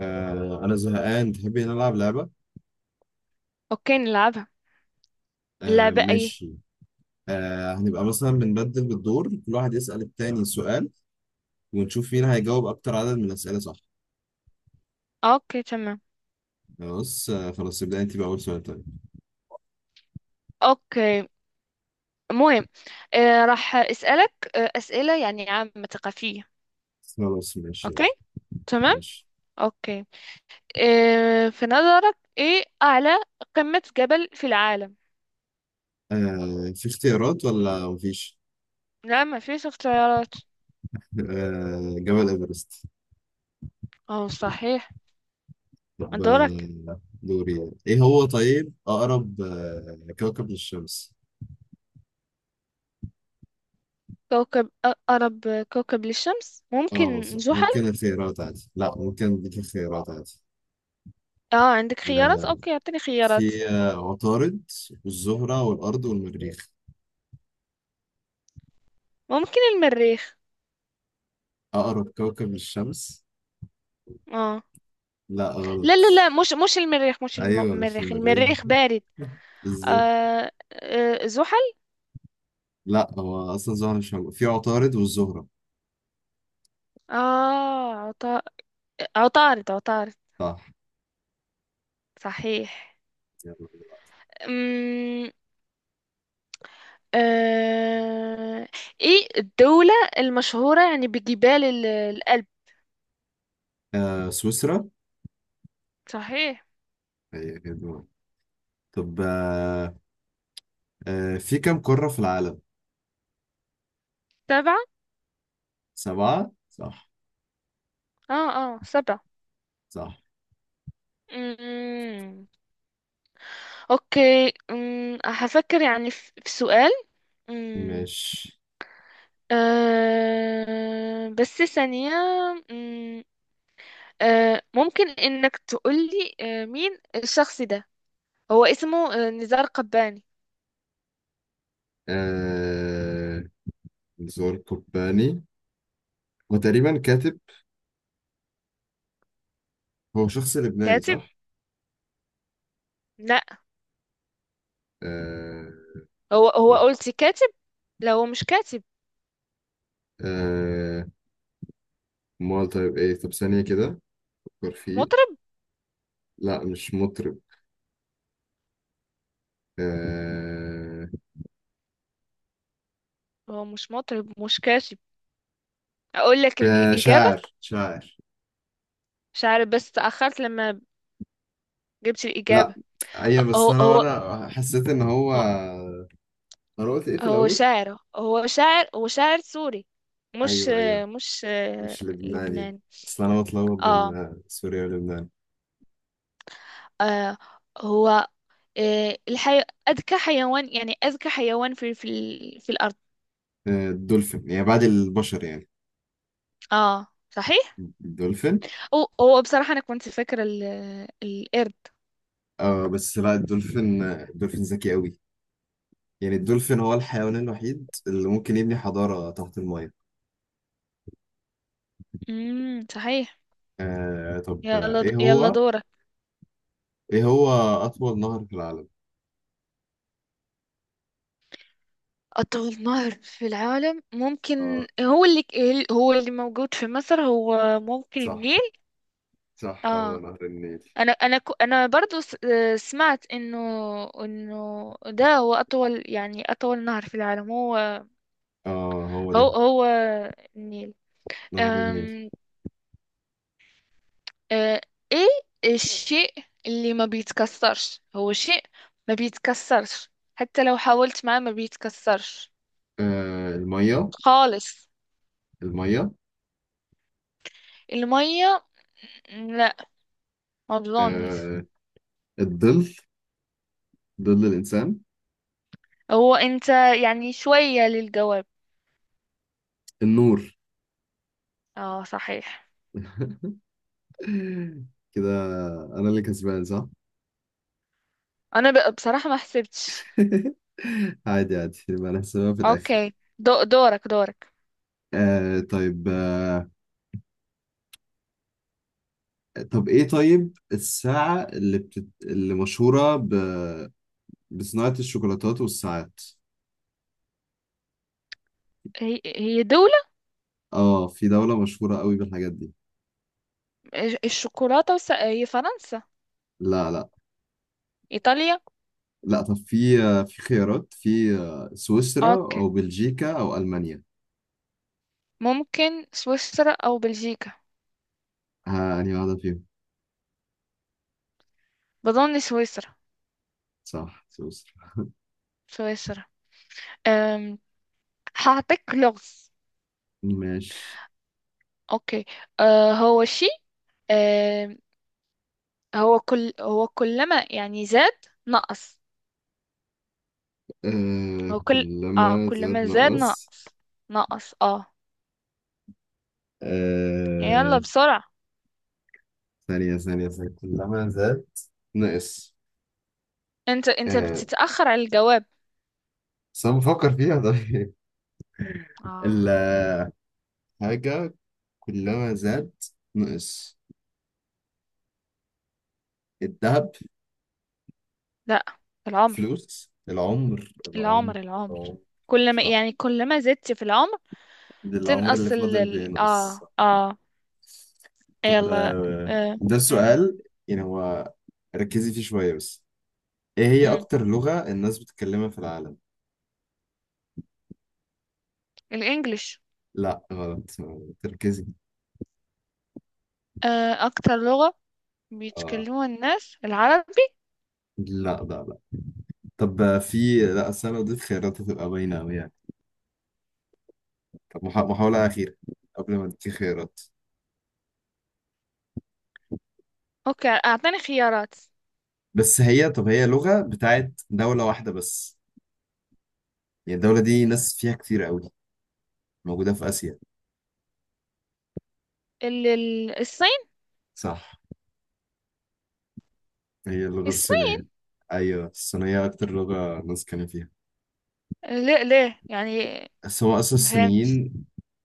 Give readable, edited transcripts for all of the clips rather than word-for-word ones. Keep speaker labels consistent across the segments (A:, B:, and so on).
A: انا زهقان، تحبي نلعب لعبة؟
B: اوكي نلعبها. اللعبة ايه؟
A: ماشي. هنبقى مثلا بنبدل بالدور، كل واحد يسأل التاني سؤال ونشوف مين هيجاوب اكتر عدد من الأسئلة، صح؟
B: اوكي تمام.
A: خلاص. خلاص ابدأ انت بأول سؤال، طيب.
B: اوكي. مهم. راح اسألك اسئلة يعني عامة ثقافية.
A: خلاص ماشي يلا.
B: اوكي تمام.
A: ماشي.
B: اوكي. في نظرك ايه اعلى قمة جبل في العالم؟
A: في اختيارات ولا مفيش؟
B: لا ما فيش اختيارات.
A: جبل إيفرست.
B: اه صحيح.
A: طب
B: دورك.
A: دوري. ايه هو طيب، اقرب كوكب للشمس؟
B: اقرب كوكب للشمس
A: اه،
B: ممكن
A: صح.
B: زحل.
A: ممكن اختيارات، عادي. لا، ممكن اديك اختيارات عادي.
B: اه عندك خيارات.
A: آه،
B: اوكي اعطيني خيارات.
A: في عطارد والزهرة والأرض والمريخ.
B: ممكن المريخ.
A: أقرب كوكب للشمس.
B: اه،
A: لا، غلط.
B: لا لا لا، مش المريخ، مش الم-
A: أيوه، مش
B: المريخ،
A: المريخ.
B: المريخ بارد.
A: بالظبط.
B: آه زحل.
A: لا، هو أصلا الزهرة مش موجود، في عطارد والزهرة.
B: اه عطا... عطارد، عطارد.
A: صح.
B: صحيح.
A: يلا.
B: أمم، آه... ايه الدولة المشهورة يعني الألب؟
A: سويسرا.
B: صحيح.
A: هي كده. طب في كم قارة في العالم؟
B: سبعة.
A: سبعة، صح.
B: اه اه سبعة.
A: صح.
B: أمم، اوكي. هفكر يعني في سؤال. أمم،
A: مش...
B: بس ثانية. أمم، ممكن انك تقولي مين الشخص ده؟ هو اسمه نزار قباني.
A: آه زور قباني، هو تقريبا كاتب. هو شخص لبناني،
B: كاتب؟
A: صح؟
B: لا.
A: آه.
B: هو قلت كاتب، لا هو مش كاتب.
A: آه امال طيب ايه؟ طب ثانية كده، فكر فيه.
B: مطرب.
A: لا، مش مطرب. آه...
B: هو مش مطرب، مش كاتب. اقول لك الاجابه.
A: شاعر شاعر.
B: مش عارف بس تاخرت لما جبت
A: لا.
B: الاجابه.
A: ايوه،
B: هو
A: بس انا
B: هو
A: انا حسيت ان هو...
B: هو
A: انا قلت ايه في
B: هو
A: الاول؟
B: شاعر، هو شاعر سوري. مش
A: ايوه ايوه،
B: آه، مش آه،
A: مش لبناني.
B: لبناني.
A: اصل انا بتلخبط
B: اه.
A: بين سوريا ولبنان.
B: آه، هو آه، الحي... اذكى حيوان، يعني اذكى حيوان في الارض.
A: الدولفين، يعني بعد البشر يعني.
B: اه صحيح.
A: الدولفين.
B: أو هو بصراحة أنا كنت فاكرة القرد.
A: اه بس لا، الدولفين ذكي قوي. يعني الدولفين هو الحيوان الوحيد اللي ممكن يبني حضارة تحت المية.
B: صحيح.
A: طب، ايه
B: يلا
A: هو؟
B: دورك.
A: ايه هو اطول نهر في العالم؟
B: أطول نهر في العالم
A: اه،
B: ممكن هو هو اللي موجود في مصر، هو ممكن
A: صح.
B: النيل.
A: صح، هو
B: اه.
A: نهر النيل.
B: أنا برضو سمعت إنه، إنه ده هو أطول، يعني أطول نهر في العالم هو،
A: اه، هو
B: هو
A: ده.
B: هو النيل.
A: نهر النيل.
B: آه، ايه الشيء اللي ما بيتكسرش؟ هو شيء ما بيتكسرش حتى لو حاولت معاه ما بيتكسرش
A: المية.
B: خالص.
A: المية.
B: المية، لا ما بظنش.
A: آه الظل. ظل الانسان.
B: هو انت يعني شوية للجواب.
A: النور.
B: اه صحيح.
A: كده انا اللي كسبان، صح؟
B: انا بصراحة ما حسبتش.
A: عادي عادي، يبقى نحسبها في الاخر.
B: اوكي دورك، دورك.
A: طيب. طب ايه طيب، الساعة اللي بتت... اللي مشهورة ب... بصناعة الشوكولاتات والساعات.
B: هي هي دولة
A: اه، في دولة مشهورة قوي بالحاجات دي.
B: الشوكولاتة هي فرنسا.
A: لا لا
B: ايطاليا.
A: لا. طب في خيارات. في سويسرا
B: اوكي.
A: او بلجيكا او المانيا.
B: ممكن سويسرا او بلجيكا.
A: ها، انهي واحده فيهم؟
B: بظن سويسرا.
A: صح، سويسرا.
B: سويسرا. أم، هعطيك لغز.
A: ماشي.
B: اوكي. هو شيء، آه هو كل، هو كلما يعني زاد نقص. هو كل، اه
A: كلما زاد
B: كلما زاد
A: نقص.
B: نقص، نقص اه. يلا
A: آه
B: بسرعة.
A: ثانية ثانية ثانية، كلما زاد نقص.
B: انت
A: آه
B: بتتأخر على الجواب.
A: بس أنا بفكر فيها. طيب.
B: اه
A: الحاجة كلما زاد نقص. الذهب.
B: لا، العمر
A: الفلوس، العمر العمر.
B: العمر.
A: العمر.
B: كلما
A: صح،
B: يعني كلما زدت في العمر
A: ده العمر اللي
B: تنقص
A: فاضل بينقص.
B: اه اه.
A: طب
B: يلا. آه.
A: ده
B: مم.
A: السؤال. يعني هو، ركزي فيه شوية بس. ايه هي
B: مم.
A: اكتر لغة الناس بتتكلمها في العالم؟
B: الانجليش.
A: لا، غلط. تركزي.
B: اكتر لغة
A: اه.
B: بيتكلموها الناس العرب.
A: لا لا لا. طب، آه، في لا، أصل أنا لو اديت خيارات هتبقى باينة أوي يعني. طب محاولة أخيرة قبل ما اديكي خيارات.
B: اوكي اعطيني خيارات.
A: بس هي، طب هي لغة بتاعت دولة واحدة بس. يعني الدولة دي ناس فيها كتير أوي. موجودة في آسيا.
B: الصين.
A: صح، هي اللغة
B: الصين.
A: الصينية. أيوة، الصينية أكتر لغة ناس كانوا فيها.
B: ليه ليه يعني؟
A: بس هو اصلا
B: ما فهمت.
A: الصينيين.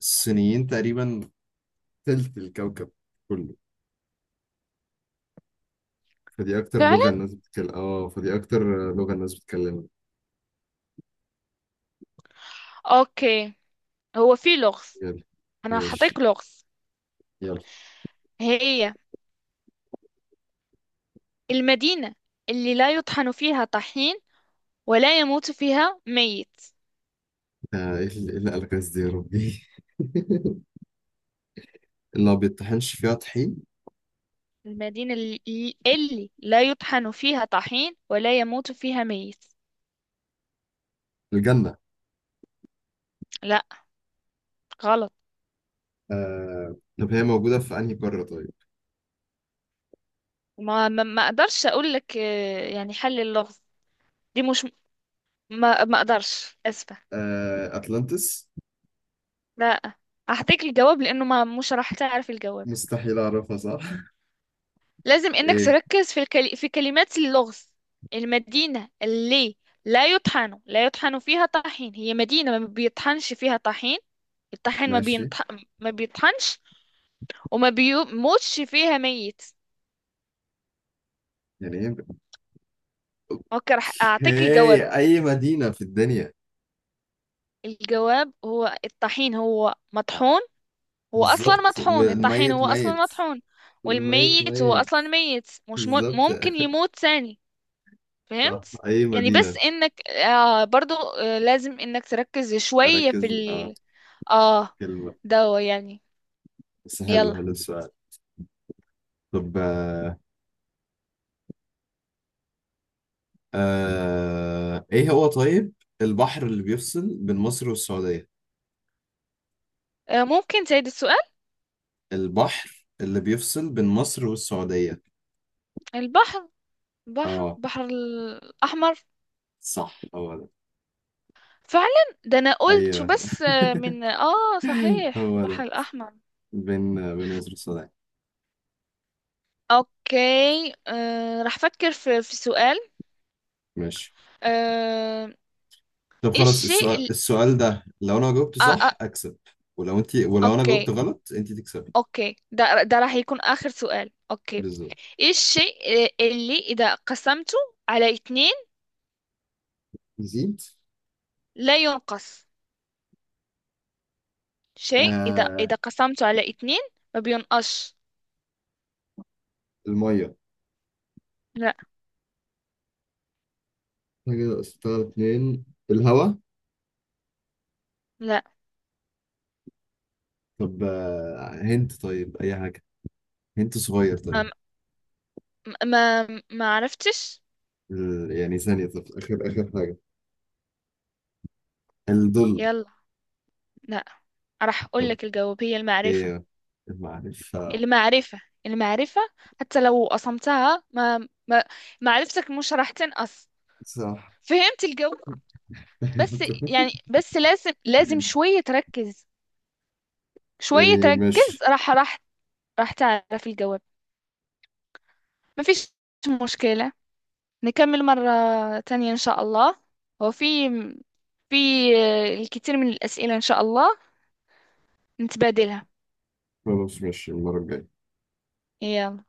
A: الصينيين تقريبا تلت الكوكب كله.
B: فعلا.
A: فدي اكتر لغة الناس بتتكلمها.
B: اوكي. هو في لغز،
A: يلا.
B: انا حطيت
A: ماشي.
B: لغز.
A: يلا.
B: هي المدينة اللي لا يطحن فيها طحين ولا يموت فيها ميت.
A: ايه اللي إيه اللي قالك الناس دي يا ربي! اللي ما بيطحنش فيها طحين.
B: المدينة اللي، اللي لا يطحن فيها طحين ولا يموت فيها ميت.
A: الجنة.
B: لا غلط.
A: طب هي موجودة في انهي قارة طيب؟
B: ما اقدرش اقول لك يعني حل اللغز، دي مش، ما ما اقدرش، اسفة.
A: أتلانتس.
B: لا. هعطيك الجواب لأنه ما مش راح تعرف الجواب.
A: مستحيل أعرفها، صح.
B: لازم إنك
A: ايه.
B: تركز في في كلمات اللغز. المدينة اللي لا يطحن فيها طحين، هي مدينة ما بيطحنش فيها طحين. الطحين ما
A: ماشي.
B: بينطح... ما بيطحنش، وما بيموتش فيها ميت.
A: يعني ايه؟
B: اوكي راح أعطيك الجواب.
A: اوكي، اي مدينة في الدنيا.
B: الجواب هو الطحين هو مطحون، هو أصلا
A: بالظبط،
B: مطحون، الطحين
A: والميت
B: هو أصلا
A: ميت.
B: مطحون.
A: والميت
B: والميت هو
A: ميت.
B: أصلا ميت، مش م...
A: بالظبط.
B: ممكن يموت ثاني.
A: صح،
B: فهمت
A: أي
B: يعني؟ بس
A: مدينة.
B: انك آه برضو آه لازم انك تركز شوية في
A: أركز
B: ال، اه
A: في كلمة.
B: ده يعني.
A: بس، حلو
B: يلا.
A: حلو السؤال. طب إيه هو طيب؟ البحر اللي بيفصل بين مصر والسعودية؟
B: آه ممكن تعيد السؤال؟
A: البحر اللي بيفصل بين مصر والسعودية.
B: البحر،
A: آه.
B: بحر الأحمر.
A: صح، هو ده.
B: فعلا ده انا قلت
A: أيوه.
B: بس آه من اه صحيح
A: هو
B: البحر
A: ده،
B: الأحمر.
A: بين مصر والسعودية.
B: اوكي. راح افكر في سؤال.
A: ماشي.
B: آه
A: طب
B: ايه
A: خلاص.
B: الشيء
A: السؤال
B: ال...
A: السؤال ده، لو أنا جاوبته
B: آه آه
A: صح أكسب. ولو أنا جاوبته
B: اوكي.
A: غلط أنت تكسبي.
B: اوكي ده، ده راح يكون آخر سؤال، اوكي.
A: بالظبط.
B: ايه الشيء اللي إذا قسمته على اتنين
A: نزيد.
B: لا ينقص؟ شيء إذا
A: آه
B: إذا قسمته على اتنين ما بينقصش.
A: المية.
B: لا.
A: انا كده استار اتنين. الهوا.
B: لا.
A: طب هنت، طيب اي حاجة. هنت صغير طيب.
B: ما ما, ما عرفتش.
A: يعني ثانية، طب اخر اخر حاجة. الظل.
B: يلا. لا. راح أقول
A: طب
B: لك الجواب، هي
A: ايه، المعرفة.
B: المعرفة المعرفة. حتى لو قسمتها ما، معرفتك مش راح تنقص.
A: صح.
B: فهمت الجو بس. يعني بس لازم، لازم شوية تركز، شوية
A: يعني مش...
B: تركز، راح راح تعرف الجواب. مفيش مشكلة، نكمل مرة تانية إن شاء الله، وفي في الكثير من الأسئلة إن شاء الله نتبادلها.
A: خلاص، مش المرة الجاية.
B: يلا.